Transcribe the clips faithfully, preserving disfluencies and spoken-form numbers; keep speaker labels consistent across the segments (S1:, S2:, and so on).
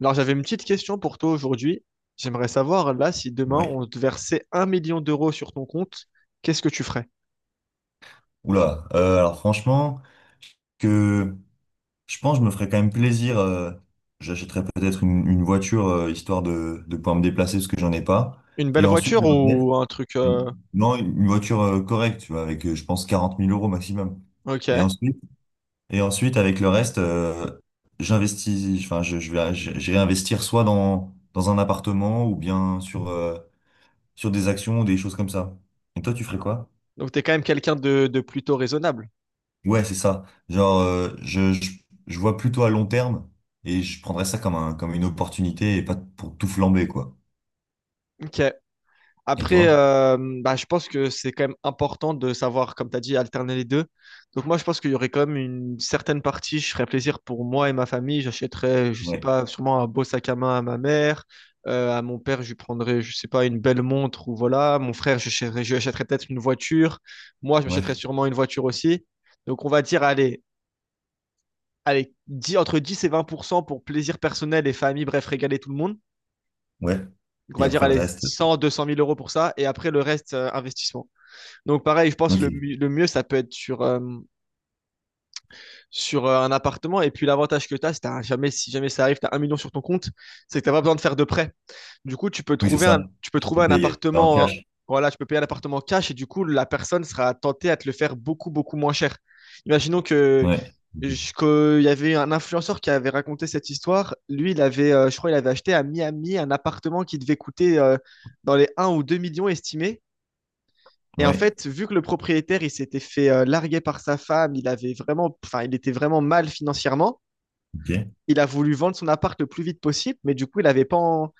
S1: Alors, j'avais une petite question pour toi aujourd'hui. J'aimerais savoir, là, si demain
S2: Ouais.
S1: on te versait un million d'euros sur ton compte, qu'est-ce que tu ferais?
S2: Oula. Euh, alors franchement, que je pense que je me ferais quand même plaisir. Euh, j'achèterais peut-être une, une voiture, euh, histoire de, de pouvoir me déplacer parce que j'en ai pas.
S1: Une
S2: Et
S1: belle
S2: ensuite,
S1: voiture
S2: le reste,
S1: ou un truc...
S2: une,
S1: euh,
S2: non, une voiture, euh, correcte, tu vois, avec, euh, je pense quarante mille euros maximum. Et
S1: Ok.
S2: ensuite, et ensuite avec le reste, euh, j'investis. Enfin, je, je vais, je- j'irai investir soit dans dans un appartement ou bien sur euh, sur des actions ou des choses comme ça. Et toi, tu ferais quoi?
S1: Donc, t'es quand même quelqu'un de, de plutôt raisonnable.
S2: Ouais, c'est ça. Genre, euh, je, je, je vois plutôt à long terme et je prendrais ça comme un, comme une opportunité et pas pour tout flamber, quoi.
S1: Ok.
S2: Et
S1: Après,
S2: toi?
S1: euh, bah, je pense que c'est quand même important de savoir, comme tu as dit, alterner les deux. Donc moi, je pense qu'il y aurait quand même une certaine partie, je ferais plaisir pour moi et ma famille. J'achèterais, je sais
S2: Ouais,
S1: pas, sûrement un beau sac à main à ma mère. Euh, à mon père, je lui prendrais, je sais pas, une belle montre ou voilà. Mon frère, je achèterais, je lui achèterais peut-être une voiture. Moi, je m'achèterais
S2: ouais,
S1: sûrement une voiture aussi. Donc on va dire, allez, allez, dix entre dix et vingt pour cent pour cent pour plaisir personnel et famille, bref, régaler tout le monde.
S2: ouais.
S1: Donc on
S2: Et
S1: va dire,
S2: après le
S1: allez,
S2: reste,
S1: cent deux cent mille euros pour ça. Et après, le reste, euh, investissement. Donc pareil, je pense le,
S2: ok.
S1: mu- le mieux, ça peut être sur, euh, sur euh, un appartement. Et puis l'avantage que tu as, c'est que jamais, si jamais ça arrive, tu as un million sur ton compte, c'est que tu n'as pas besoin de faire de prêt. Du coup, tu peux
S2: Oui, c'est
S1: trouver un,
S2: ça.
S1: tu peux
S2: Je peux
S1: trouver un
S2: payer en
S1: appartement, hein,
S2: cash.
S1: voilà, tu peux payer un appartement cash et du coup, la personne sera tentée à te le faire beaucoup, beaucoup moins cher. Imaginons que
S2: Ouais.
S1: je- que il y avait un influenceur qui avait raconté cette histoire. Lui, il avait, euh, je crois, il avait acheté à Miami un appartement qui devait coûter euh, dans les un ou deux millions estimés. Et en
S2: Ouais,
S1: fait, vu que le propriétaire, il s'était fait euh, larguer par sa femme, il avait vraiment, enfin, il était vraiment mal financièrement.
S2: ok.
S1: Il a voulu vendre son appart le plus vite possible, mais du coup, il avait pas. en-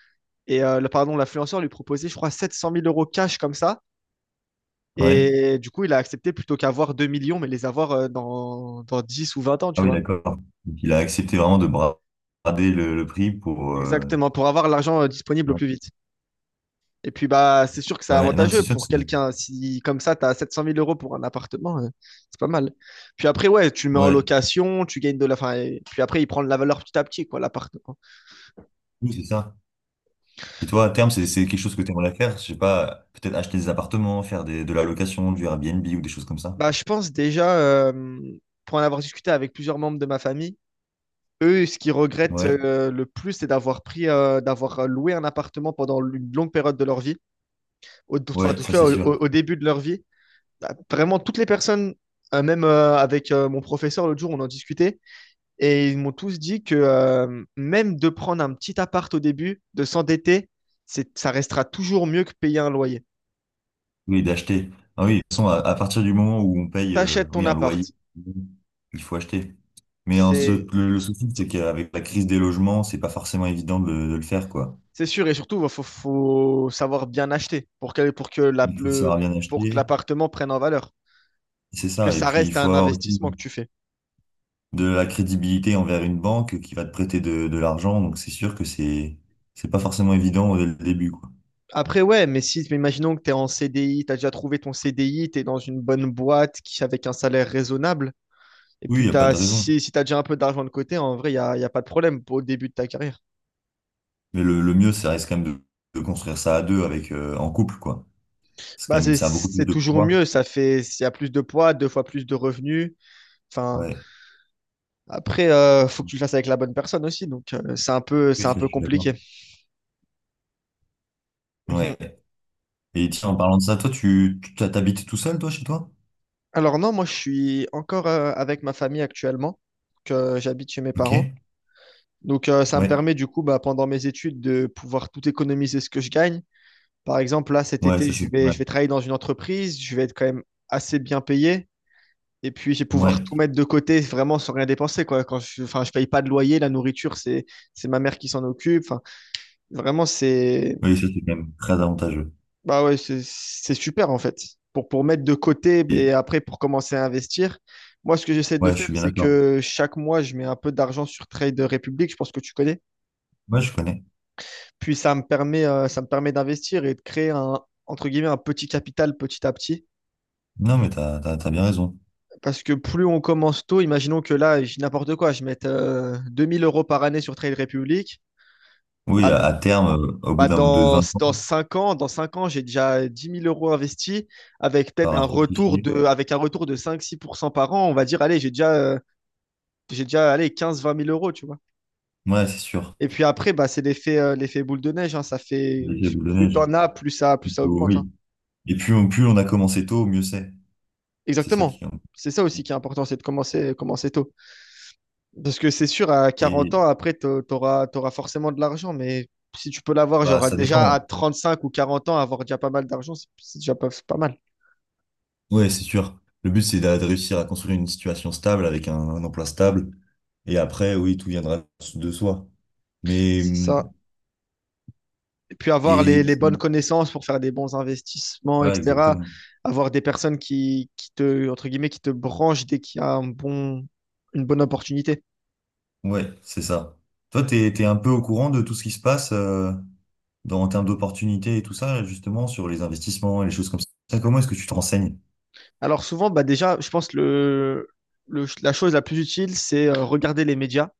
S1: Et euh, le- pardon, l'influenceur lui proposait, je crois, sept cent mille euros cash comme ça.
S2: Ouais.
S1: Et du coup, il a accepté plutôt qu'avoir deux millions, mais les avoir euh, dans, dans dix ou vingt ans,
S2: Ah
S1: tu
S2: oui,
S1: vois.
S2: d'accord. Donc, il a accepté vraiment de bra- brader le, le prix pour. euh,
S1: Exactement, pour avoir l'argent euh, disponible au
S2: Ouais.
S1: plus vite. Et puis, bah, c'est sûr que c'est
S2: Ouais, non, mais
S1: avantageux
S2: c'est sûr que
S1: pour
S2: c'est.
S1: quelqu'un. Si, comme ça, tu as sept cent mille euros pour un appartement, euh, c'est pas mal. Puis après, ouais, tu le mets en
S2: Ouais,
S1: location, tu gagnes de la. Enfin, et puis après, il prend de la valeur petit à petit, quoi, l'appartement.
S2: oui, c'est ça. Et toi, à terme, c'est c'est quelque chose que tu aimerais faire? Je sais pas, peut-être acheter des appartements, faire des, de la location, du Airbnb ou des choses comme ça?
S1: Bah, je pense déjà, euh, pour en avoir discuté avec plusieurs membres de ma famille, eux, ce qu'ils regrettent
S2: Ouais,
S1: euh, le plus, c'est d'avoir pris, euh, d'avoir loué un appartement pendant une longue période de leur vie, au, enfin, en
S2: ouais,
S1: tout
S2: ça
S1: cas
S2: c'est
S1: au,
S2: sûr.
S1: au- au début de leur vie. Bah, Vraiment, toutes les personnes, euh, même euh, avec euh, mon professeur l'autre jour, on en discutait. Et ils m'ont tous dit que euh, même de prendre un petit appart au début, de s'endetter, c'est, ça restera toujours mieux que payer un loyer.
S2: Oui, d'acheter. Ah oui, de toute façon, à, à partir du moment où on paye, euh,
S1: T'achètes
S2: oui,
S1: ton
S2: un
S1: appart,
S2: loyer, il faut acheter. Mais en ce-
S1: c'est,
S2: le, le souci, c'est qu'avec la crise des logements, c'est pas forcément évident de, de le faire, quoi.
S1: c'est sûr. Et surtout, il faut, faut savoir bien acheter pour que, pour que la-
S2: Il faut
S1: le,
S2: savoir bien
S1: pour que
S2: acheter,
S1: l'appartement prenne en valeur.
S2: c'est
S1: Parce que
S2: ça. Et
S1: ça
S2: puis, il
S1: reste
S2: faut
S1: un
S2: avoir aussi
S1: investissement que tu fais.
S2: de la crédibilité envers une banque qui va te prêter de, de l'argent. Donc, c'est sûr que c'est c'est pas forcément évident dès le début, quoi.
S1: Après, ouais, mais si, mais imaginons que tu es en C D I, tu as déjà trouvé ton C D I, tu es dans une bonne boîte qui, avec un salaire raisonnable, et
S2: Oui, il
S1: puis
S2: n'y a pas
S1: t'as,
S2: de raison.
S1: si, si tu as déjà un peu d'argent de côté, en vrai, il n'y a, y a pas de problème pour, au début de ta carrière.
S2: Mais le, le mieux, ça reste quand même de, de construire ça à deux avec, euh, en couple, quoi. C'est quand
S1: Bah,
S2: même,
S1: c'est
S2: ça a beaucoup plus
S1: c'est
S2: de
S1: toujours
S2: poids.
S1: mieux, ça fait, s'il y a plus de poids, deux fois plus de revenus. Enfin,
S2: Ouais.
S1: après, euh, faut que tu le fasses avec la bonne personne aussi, donc euh, c'est un peu, c'est
S2: Oui,
S1: un
S2: ça, je
S1: peu
S2: suis
S1: compliqué.
S2: d'accord.
S1: Mhm.
S2: Ouais. Et tiens, en parlant de ça, toi, tu, tu t'habites tout seul, toi, chez toi?
S1: Alors non, moi je suis encore euh, avec ma famille actuellement, que j'habite chez mes
S2: Ok.
S1: parents. Donc euh, ça me
S2: Ouais.
S1: permet du coup, bah, pendant mes études, de pouvoir tout économiser ce que je gagne. Par exemple, là cet
S2: Ouais,
S1: été,
S2: ça
S1: je
S2: c'est pas
S1: vais,
S2: mal.
S1: je vais travailler dans une entreprise, je vais être quand même assez bien payé. Et puis, je vais pouvoir
S2: Ouais.
S1: tout mettre de côté vraiment sans rien dépenser, quoi. Quand je, enfin, je paye pas de loyer, la nourriture, c'est, c'est ma mère qui s'en occupe. Enfin, vraiment, c'est,
S2: Oui, ça c'est quand même très avantageux.
S1: bah ouais, c'est, c'est super, en fait. Pour, pour mettre de côté et
S2: Et-
S1: après pour commencer à investir. Moi, ce que j'essaie de
S2: ouais, je
S1: faire,
S2: suis bien
S1: c'est
S2: d'accord.
S1: que chaque mois, je mets un peu d'argent sur Trade Republic, je pense que tu connais.
S2: Ouais, je connais.
S1: Puis ça me permet, euh, ça me permet d'investir et de créer un, entre guillemets, un petit capital petit à petit.
S2: Non, mais t'as, t'as, t'as bien raison.
S1: Parce que plus on commence tôt, imaginons que là, je dis n'importe quoi, je mette euh, deux mille euros par année sur Trade Republic.
S2: Oui,
S1: Bah,
S2: à,
S1: d-
S2: à terme, euh, au bout
S1: bah,
S2: d'un de
S1: dans,
S2: vingt ans,
S1: dans cinq ans, dans cinq ans, j'ai déjà dix mille euros investis avec
S2: ça
S1: peut-être
S2: aura
S1: un retour
S2: fructifié.
S1: de, avec un retour de cinq six pour cent par an. On va dire, allez, j'ai déjà, euh, j'ai déjà allez, quinze vingt mille euros, tu vois.
S2: Ouais, c'est sûr.
S1: Et puis après, bah, c'est l'effet euh, l'effet boule de neige, hein. Ça
S2: C'est
S1: fait,
S2: l'effet boule de
S1: plus
S2: neige.
S1: t'en as, plus ça, plus
S2: Il
S1: ça
S2: faut-
S1: augmente, hein.
S2: Oui. Et plus on, plus on a commencé tôt, mieux c'est. C'est ça
S1: Exactement.
S2: qui est.
S1: C'est ça aussi qui est important, c'est de commencer, commencer tôt. Parce que c'est sûr, à
S2: Et
S1: quarante ans, après, t'au- t'auras t'auras forcément de l'argent. Mais si tu peux l'avoir,
S2: bah,
S1: genre
S2: ça
S1: déjà à
S2: dépend.
S1: trente cinq ou quarante ans, avoir déjà pas mal d'argent, c'est c'est déjà pas, c'est pas mal.
S2: Ouais, c'est sûr. Le but, c'est d'a- de réussir à construire une situation stable avec un, un emploi stable. Et après, oui, tout viendra de soi. Mais,
S1: C'est ça.
S2: hum,
S1: Puis avoir les,
S2: et tu.
S1: les, bonnes connaissances pour faire des bons investissements,
S2: Voilà,
S1: et cetera.
S2: exactement.
S1: Avoir des personnes qui, qui te, entre guillemets, qui te branchent dès qu'il y a un bon, une bonne opportunité.
S2: Ouais, c'est ça. Toi, t'es, t'es un peu au courant de tout ce qui se passe, euh, dans, en termes d'opportunités et tout ça, justement, sur les investissements et les choses comme ça. Comment est-ce que tu te renseignes?
S1: Alors souvent, bah déjà, je pense que le, le la chose la plus utile, c'est euh, regarder les médias.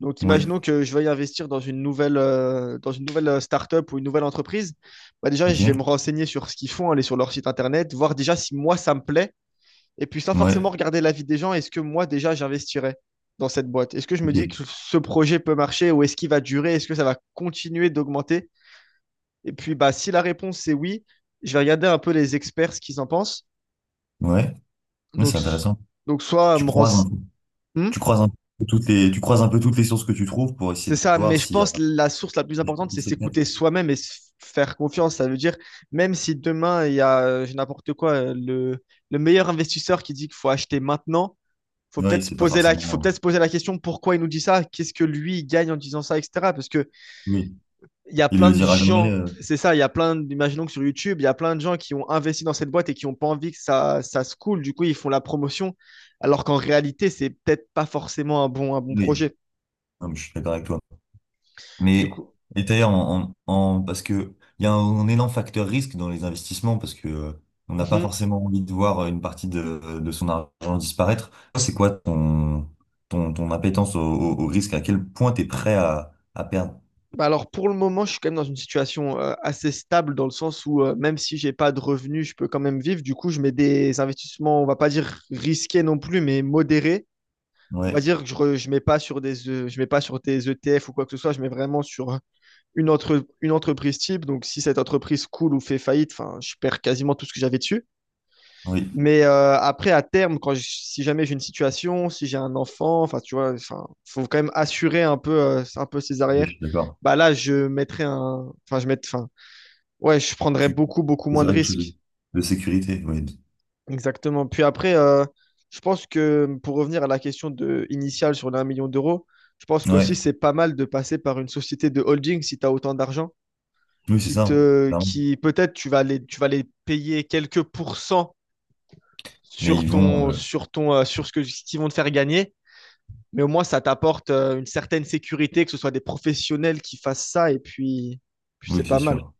S1: Donc,
S2: Ouais,
S1: imaginons que je veuille investir dans une nouvelle, euh, dans une nouvelle euh, startup ou une nouvelle entreprise. Bah déjà, je vais me
S2: ok.
S1: renseigner sur ce qu'ils font, aller sur leur site internet, voir déjà si moi ça me plaît. Et puis, sans
S2: Ouais,
S1: forcément regarder l'avis des gens, est-ce que moi, déjà, j'investirais dans cette boîte? Est-ce que je me dis
S2: ok.
S1: que ce projet peut marcher ou est-ce qu'il va durer? Est-ce que ça va continuer d'augmenter? Et puis, bah, si la réponse c'est oui, je vais regarder un peu les experts ce qu'ils en pensent.
S2: Ouais, ouais, c'est
S1: Donc,
S2: intéressant.
S1: donc soit
S2: Tu
S1: me
S2: croises un
S1: rense-
S2: peu.
S1: Hmm,
S2: Tu croises un peu toutes les, tu croises un peu toutes les sources que tu trouves pour essayer
S1: c'est
S2: de
S1: ça,
S2: voir
S1: mais je
S2: s'il y a
S1: pense
S2: un
S1: que la source la plus
S2: truc
S1: importante,
S2: qui
S1: c'est
S2: se répète.
S1: s'écouter soi-même et se faire confiance. Ça veut dire, même si demain, il y a, euh, n'importe quoi, euh, le, le meilleur investisseur qui dit qu'il faut acheter maintenant, faut
S2: Oui,
S1: peut-être se
S2: c'est pas
S1: poser la, faut
S2: forcément.
S1: peut-être se poser la question pourquoi il nous dit ça, qu'est-ce que lui il gagne en disant ça, et cetera. Parce que
S2: Oui,
S1: il y a
S2: il le
S1: plein de
S2: dira jamais.
S1: gens,
S2: euh,
S1: c'est ça, il y a plein, imaginons que sur YouTube, il y a plein de gens qui ont investi dans cette boîte et qui n'ont pas envie que ça, ça se coule. Du coup, ils font la promotion, alors qu'en réalité, c'est peut-être pas forcément un bon, un bon
S2: Oui,
S1: projet.
S2: non, mais je suis d'accord avec toi.
S1: Du
S2: Mais
S1: coup,
S2: et d'ailleurs, en, en- en- parce que il y a un, énorme facteur risque dans les investissements parce que, euh, on n'a pas
S1: mhm.
S2: forcément envie de voir une partie de, de son argent disparaître. Toi, c'est quoi ton, ton, ton appétence au, au- au risque? À quel point tu es prêt à, à perdre?
S1: Bah alors pour le moment, je suis quand même dans une situation euh, assez stable dans le sens où euh, même si j'ai pas de revenus, je peux quand même vivre. Du coup, je mets des investissements, on va pas dire risqués non plus, mais modérés. On va
S2: Ouais,
S1: dire que je ne mets pas sur des euh, je mets pas sur tes E T F ou quoi que ce soit, je mets vraiment sur une, entre, une entreprise type. Donc si cette entreprise coule ou fait faillite, enfin, je perds quasiment tout ce que j'avais dessus.
S2: oui,
S1: Mais euh, après, à terme, quand je- si jamais j'ai une situation, si j'ai un enfant, enfin, tu vois, enfin, faut quand même assurer un peu, euh, un peu ses
S2: je
S1: arrières.
S2: suis d'accord.
S1: Bah là, je mettrais un, enfin, je mets, enfin, ouais, je prendrais
S2: Tu
S1: beaucoup, beaucoup moins de
S2: choisirais quelque chose
S1: risques.
S2: de de sécurité, oui.
S1: Exactement. Puis après, euh, je pense que pour revenir à la question de, initiale sur les un million d'euros, je pense qu'aussi
S2: Ouais,
S1: c'est pas mal de passer par une société de holding si tu as autant d'argent,
S2: oui, c'est
S1: qui
S2: ça, hein,
S1: te,
S2: clairement.
S1: qui peut-être tu vas les, tu vas les payer quelques pourcents
S2: Mais
S1: sur
S2: ils vont,
S1: ton,
S2: euh,
S1: sur ton, euh, sur ce que, ce qu'ils vont te faire gagner, mais au moins ça t'apporte euh, une certaine sécurité, que ce soit des professionnels qui fassent ça, et puis, puis c'est
S2: oui, c'est
S1: pas mal.
S2: sûr,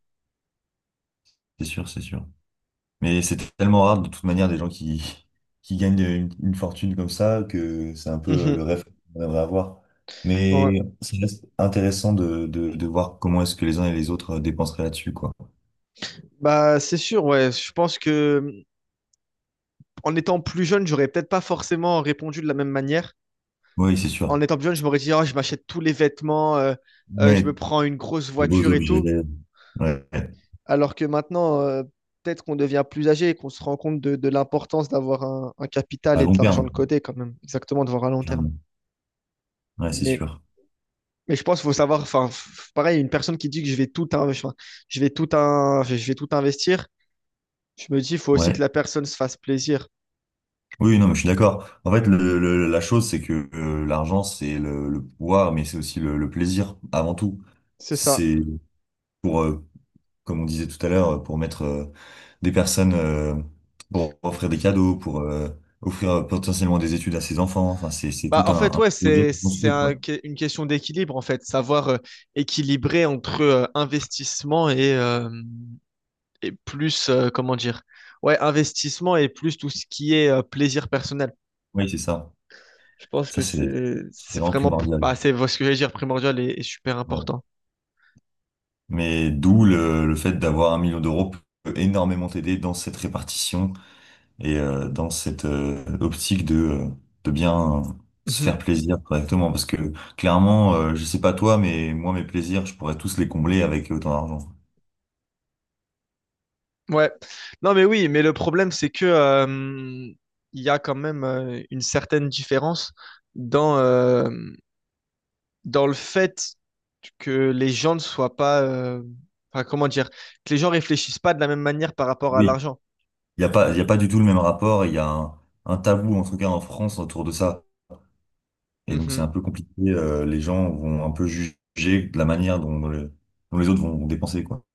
S2: c'est sûr, c'est sûr. Mais c'est tellement rare, de toute manière, des gens qui, qui gagnent une, une fortune comme ça, que c'est un peu, euh,
S1: Mhm.
S2: le rêve qu'on aimerait avoir.
S1: Ouais.
S2: Mais c'est juste intéressant de, de, de voir comment est-ce que les uns et les autres, euh, dépenseraient là-dessus, quoi.
S1: Bah, c'est sûr, ouais. Je pense que en étant plus jeune, j'aurais peut-être pas forcément répondu de la même manière.
S2: Oui, c'est sûr.
S1: En étant plus jeune, je m'aurais dit, oh, je m'achète tous les vêtements, euh, euh,
S2: Mais
S1: je me prends une grosse
S2: des beaux
S1: voiture et
S2: objets,
S1: tout.
S2: ouais,
S1: Alors que maintenant, euh, peut-être qu'on devient plus âgé et qu'on se rend compte de, de l'importance d'avoir un, un
S2: à
S1: capital et
S2: long
S1: de l'argent
S2: terme,
S1: de côté quand même, exactement, de voir à long terme.
S2: clairement. Ouais, c'est
S1: Mais,
S2: sûr.
S1: mais je pense qu'il faut savoir, enfin, f- pareil, une personne qui dit que je vais tout, in- enfin, je vais tout, in- je vais tout investir, je me dis, il faut aussi
S2: Ouais.
S1: que la personne se fasse plaisir.
S2: Oui, non, mais je suis d'accord. En fait, le, le- la chose, c'est que, euh, l'argent, c'est le, le pouvoir, mais c'est aussi le, le plaisir, avant tout.
S1: C'est ça.
S2: C'est pour, euh, comme on disait tout à l'heure, pour mettre, euh, des personnes, euh, pour offrir des cadeaux, pour, euh, offrir, euh, potentiellement des études à ses enfants. Enfin, c'est, c'est
S1: Bah,
S2: tout
S1: en
S2: un,
S1: fait,
S2: un
S1: ouais,
S2: projet
S1: c'est,
S2: qu'on
S1: c'est
S2: construit,
S1: un
S2: quoi.
S1: que- une question d'équilibre, en fait, savoir euh, équilibrer entre euh, investissement et, euh, et plus, euh, comment dire, ouais, investissement et plus tout ce qui est euh, plaisir personnel.
S2: Oui, c'est ça.
S1: Je pense
S2: Ça,
S1: que
S2: c'est
S1: c'est,
S2: c'est
S1: c'est
S2: vraiment
S1: vraiment,
S2: primordial.
S1: bah, c'est ce que j'allais dire, primordial et, et super
S2: Ouais.
S1: important.
S2: Mais d'où le, le fait d'avoir un million d'euros peut énormément t'aider dans cette répartition. Et, euh, dans cette, euh, optique de, euh, de bien, euh, se
S1: Mhm.
S2: faire plaisir correctement, parce que clairement, euh, je sais pas toi, mais moi, mes plaisirs, je pourrais tous les combler avec autant d'argent.
S1: Ouais. Non, mais oui, mais le problème, c'est que euh, il y a quand même euh, une certaine différence dans, euh, dans le fait que les gens ne soient pas. euh, enfin, comment dire? Que les gens réfléchissent pas de la même manière par rapport à
S2: Oui,
S1: l'argent.
S2: il n'y a pas, il y a pas du tout le même rapport, il y a un, un tabou, en tout cas en France, autour de ça. Et donc, c'est
S1: Mhm.
S2: un peu compliqué, euh, les gens vont un peu juger de la manière dont, le- dont les autres vont dépenser, quoi.